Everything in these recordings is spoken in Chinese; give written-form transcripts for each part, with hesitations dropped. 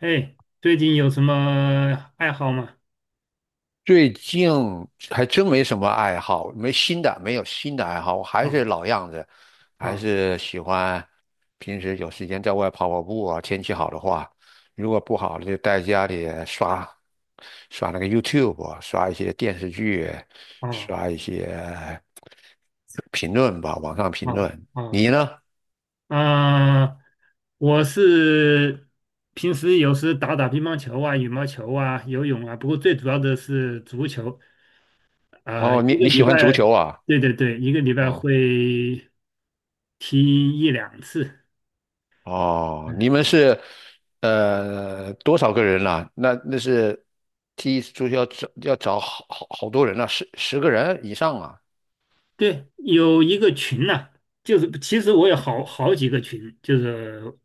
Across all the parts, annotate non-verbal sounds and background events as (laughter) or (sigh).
哎，最近有什么爱好吗？最近还真没什么爱好，没新的，没有新的爱好，我还是啊老样子，还啊是喜欢平时有时间在外跑跑步啊。天气好的话，如果不好就在家里刷刷那个 YouTube，啊刷一些电视剧，啊刷一些评论吧，网上评啊论。啊！你呢？啊！我是平时有时打打乒乓球啊、羽毛球啊、游泳啊，不过最主要的是足球。啊、哦，你一个你礼喜欢足拜，球啊？对对对，一个礼拜哦。会踢一两次。哦，你们是多少个人啦、那是踢一次足球要找要找好多人啊，十个人以上啊。对，有一个群呐、就是其实我有好哦，好几个群，就是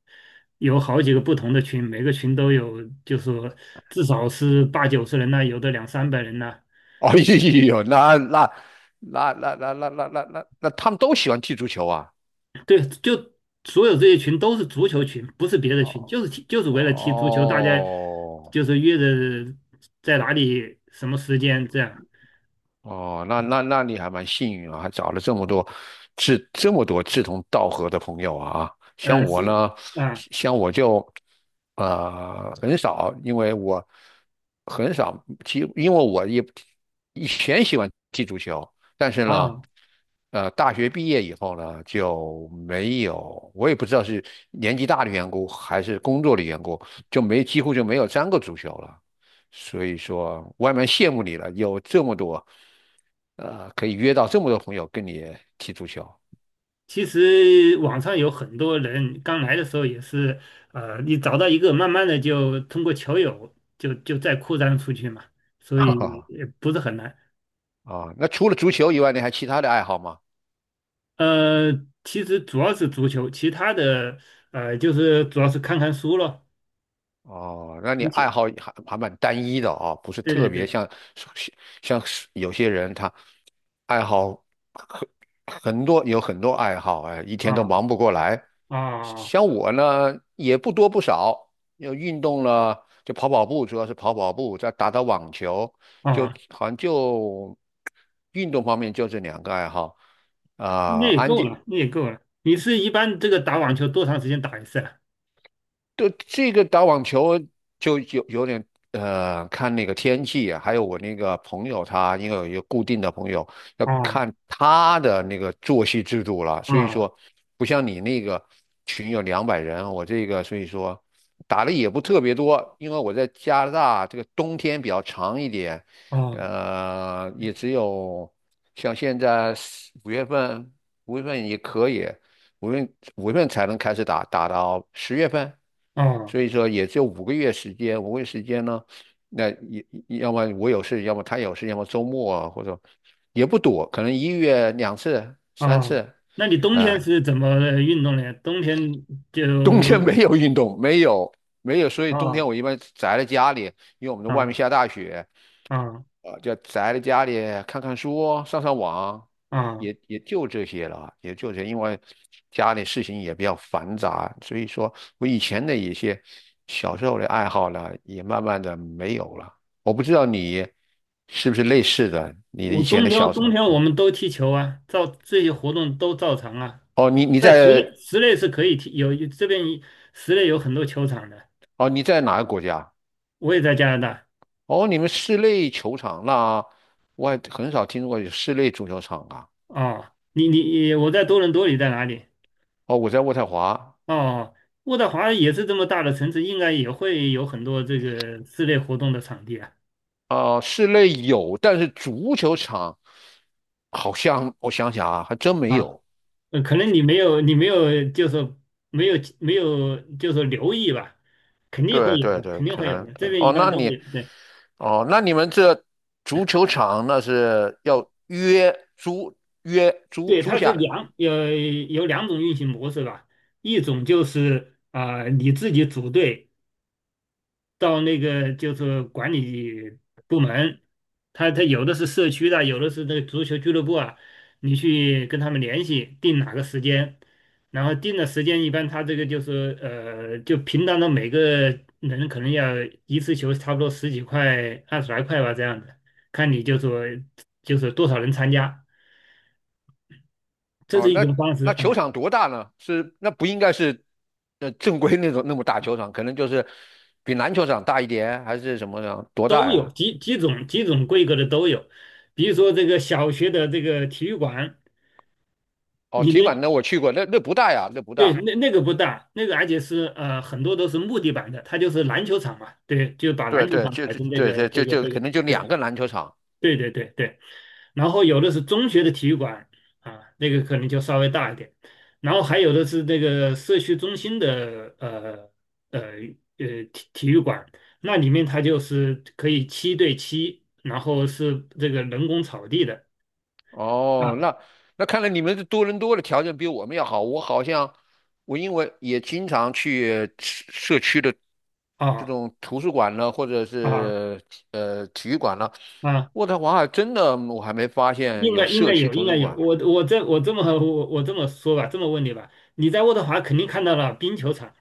有好几个不同的群，每个群都有，就是说至少是八九十人呐、有的两三百人呐、(laughs) 哎呦，那他们都喜欢踢足球啊。对，就所有这些群都是足球群，不是别的群，哦就是踢就是为了踢足球，大家哦。就是约着在哪里什么时间这样。哦，那你还蛮幸运啊，还找了这么多志同道合的朋友啊。像我是呢，啊像我就很少，因为我很少踢，因为我也以前喜欢踢足球，但是呢，啊，大学毕业以后呢就没有，我也不知道是年纪大的缘故还是工作的缘故，就没几乎就没有沾过足球了。所以说外面羡慕你了，有这么多，可以约到这么多朋友跟你踢足球。(laughs) 其实网上有很多人刚来的时候也是，你找到一个，慢慢的就通过球友就再扩张出去嘛，所哈以哈，也不是很难。啊，那除了足球以外，你还其他的爱好吗？呃，其实主要是足球，其他的就是主要是看看书咯。哦，那你你爱去，好还蛮单一的啊，不是对特对别对，像有些人他爱好很很多爱好，哎，一天都啊忙不过来。啊像我呢，也不多不少，要运动了，就跑跑步，主要是跑跑步，再打打网球，就啊，好像就运动方面就这两个爱好那啊。也安够静了，那也够了。你是一般这个打网球多长时间打一次对，这个打网球就有点，看那个天气啊，还有我那个朋友他，因为有一个固定的朋友，要啊？看他的那个作息制度了。啊所以啊说，不像你那个群有200人，我这个所以说打的也不特别多，因为我在加拿大这个冬天比较长一点，啊也只有像现在四五月份，五月份也可以，五月五月份才能开始打，打到10月份。啊！所以说也只有五个月时间，五个月时间呢，那也要么我有事，要么他有事，要么周末啊，或者也不多，可能一月两次、三啊，次。那你冬天是怎么运动呢？冬天就冬天没有运动，没有没有，所以冬天啊我一般宅在家里，因为我们的外啊面下大雪。啊啊，就宅在家里看看书、上上网，啊，也就这些了啊，也就这些。因为家里事情也比较繁杂，所以说我以前的一些小时候的爱好呢，也慢慢的没有了。我不知道你是不是类似的，你我以冬前的小天时冬候。天我们都踢球啊，照这些活动都照常啊。哦，在室内室内是可以踢，有这边室内有很多球场的。你在哪个国家？我也在加拿大哦，你们室内球场，那我还很少听说过有室内足球场啊。啊，你，我在多伦多，你在哪里？哦，我在渥太华，哦，渥太华也是这么大的城市，应该也会有很多这个室内活动的场地啊室内有，但是足球场好像我想想啊，还真没啊。有。可能你没有，你没有，就是说没有，没有，就是说留意吧，肯定会对有对的，对，肯定可会有能的。这边一哦，般那都会你有，对，哦，那你们这足球场那是要租约租对，租它是下来。有两种运行模式吧，一种就是啊、你自己组队，到那个就是管理部门，他有的是社区的，有的是那个足球俱乐部啊，你去跟他们联系，定哪个时间，然后定的时间一般他这个就是就平常的每个人可能要一次球差不多十几块、二十来块吧这样子，看你就说就是多少人参加，这哦，是一那种方式那啊，球场多大呢？是那不应该是正规那种那么大球场，可能就是比篮球场大一点，还是什么呢？多大都有呀？几种规格的都有，比如说这个小学的这个体育馆。哦，里体育面馆那我去过，那不大呀，那不对，大。那个不大，那个而且是很多都是木地板的，它就是篮球场嘛，对，就把对篮球对，场改成这对个对这个这可个，能就两对个篮球场。对对对对。然后有的是中学的体育馆啊，那个可能就稍微大一点，然后还有的是那个社区中心的呃体育馆，那里面它就是可以七对七，然后是这个人工草地的哦，啊那看来你们的多伦多的条件比我们要好。我好像我因为也经常去社区的这啊种图书馆呢，或者啊是体育馆呢，啊。渥太华还真的我还没发现应有该应该社区有，应图该书有。馆。我这么说吧，这么问你吧，你在渥太华肯定看到了冰球场，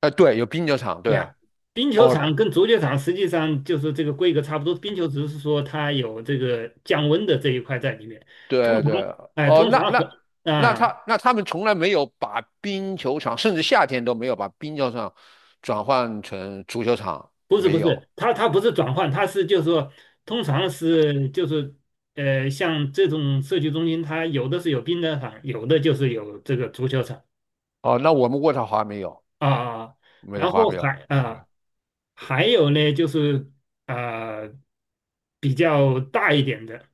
哎、对，有冰球场，对对。呀、冰球哦，场跟足球场实际上就是这个规格差不多，冰球只是说它有这个降温的这一块在里面。通对常，对。哎、哦，通那常那很那啊、他那他们从来没有把冰球场，甚至夏天都没有把冰球场转换成足球场，不是不没有。是，它不是转换，它是就是说，通常是就是，像这种社区中心，它有的是有冰的场，有的就是有这个足球场哦，那我们渥太华没有。啊。没得然花后没有，还嗯。啊、还有呢，就是呃比较大一点的，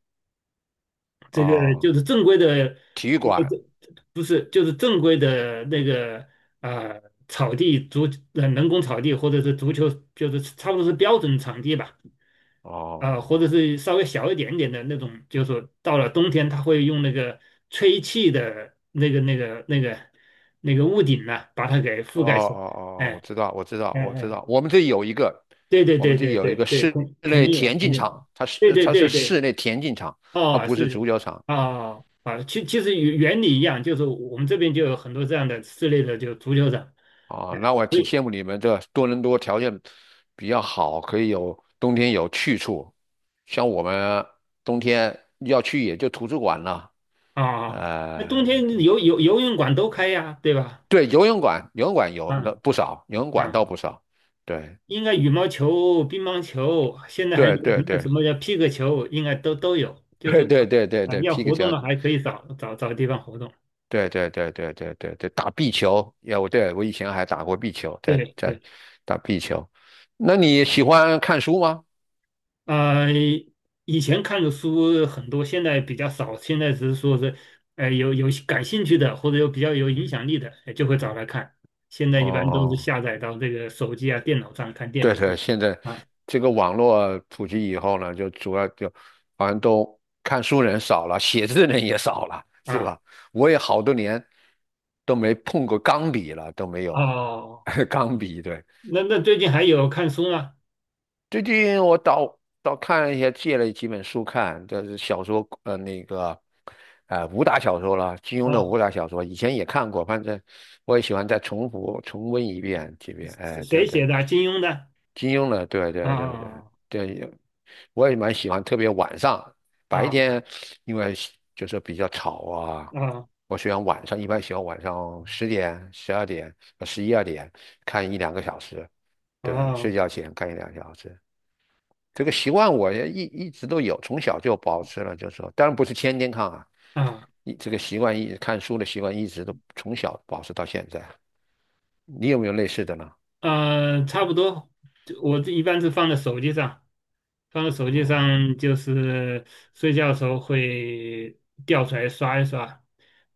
这个就哦，是正规的，体育馆，这不是就是正规的那个呃草地足人工草地或者是足球，就是差不多是标准场地吧，或者哦，是稍微小一点点的那种，就是说到了冬天，它会用那个吹气的那个屋顶呢、把它给哦覆盖起来，哦哦，哦我哎知道，我知道，嗯我知嗯。哎道，对对我对们这里对有一对个对，室肯肯内定有，田肯径定，场，它对是对它是对室对，内田径场，它哦，不是是足球场。啊啊，其实原理一样，就是我们这边就有很多这样的室内的就足球场，啊，嗯那我所挺羡以慕你们这多伦多条件比较好，可以有冬天有去处。像我们冬天要去也就图书馆了，啊，那冬天对游泳馆都开呀，对吧？对，游泳馆有嗯那不少，游泳馆嗯，倒不少，对。应该羽毛球、乒乓球，现在还对流对行的什对，么叫皮克球，应该都有，(laughs) 就是对对对对啊，对，要皮克活球，动的还可以找地方活动，对对对对对对对，打壁球。要我对我以前还打过壁球，对对。打壁球。那你喜欢看书吗？呃，以前看的书很多，现在比较少。现在只是说是，有感兴趣的或者有比较有影响力的，就会找来看。现在一般都是哦，下载到这个手机啊、电脑上看电对子对，书。现在啊这个网络普及以后呢，就主要就好像都看书人少了，写字人也少了，是啊吧？我也好多年都没碰过钢笔了，都没有 哦，(laughs) 钢笔，对。那最近还有看书吗？最近我倒看一些，借了几本书看，就是小说，武打小说了，金庸的哦，武打小说，以前也看过，反正我也喜欢再重复重温一遍几遍。谁哎，对谁对，写的啊金庸的？金庸的，对对对对啊对。我也蛮喜欢，特别晚上，白啊天因为就是比较吵啊，啊我喜欢晚上，一般喜欢晚上10点、12点、十一二点看一两个小时，对，啊睡觉前看一两个小时。这个习惯我也一直都有，从小就保持了，就是说，当然不是天天看啊，啊！一这个习惯一看书的习惯一直都从小保持到现在。你有没有类似的呢？差不多，就我这一般是放在手机上，放在手机哦上就是睡觉的时候会调出来刷一刷，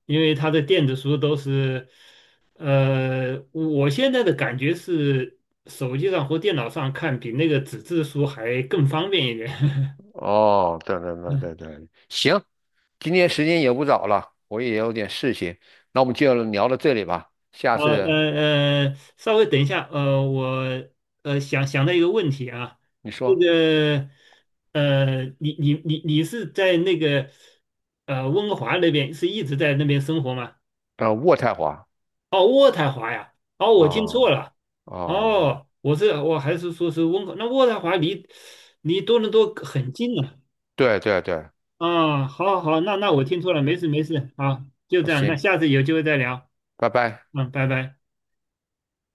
因为它的电子书都是，我现在的感觉是手机上或电脑上看比那个纸质书还更方便一点。哦，对对对对 (laughs) 对，行，今天时间也不早了，我也有点事情，那我们就聊到这里吧。下好，次稍微等一下，我想到一个问题啊，你这说，个你是在那个温哥华那边是一直在那边生活吗？渥太华，哦，渥太华呀，哦，我听错哦了，哦，哦，我还是说是温哥，那渥太华离多伦多很近呢。对对对，啊，好好好，那我听错了，没事没事，啊，就好这样，那行，下次有机会再聊，拜拜。嗯，拜拜。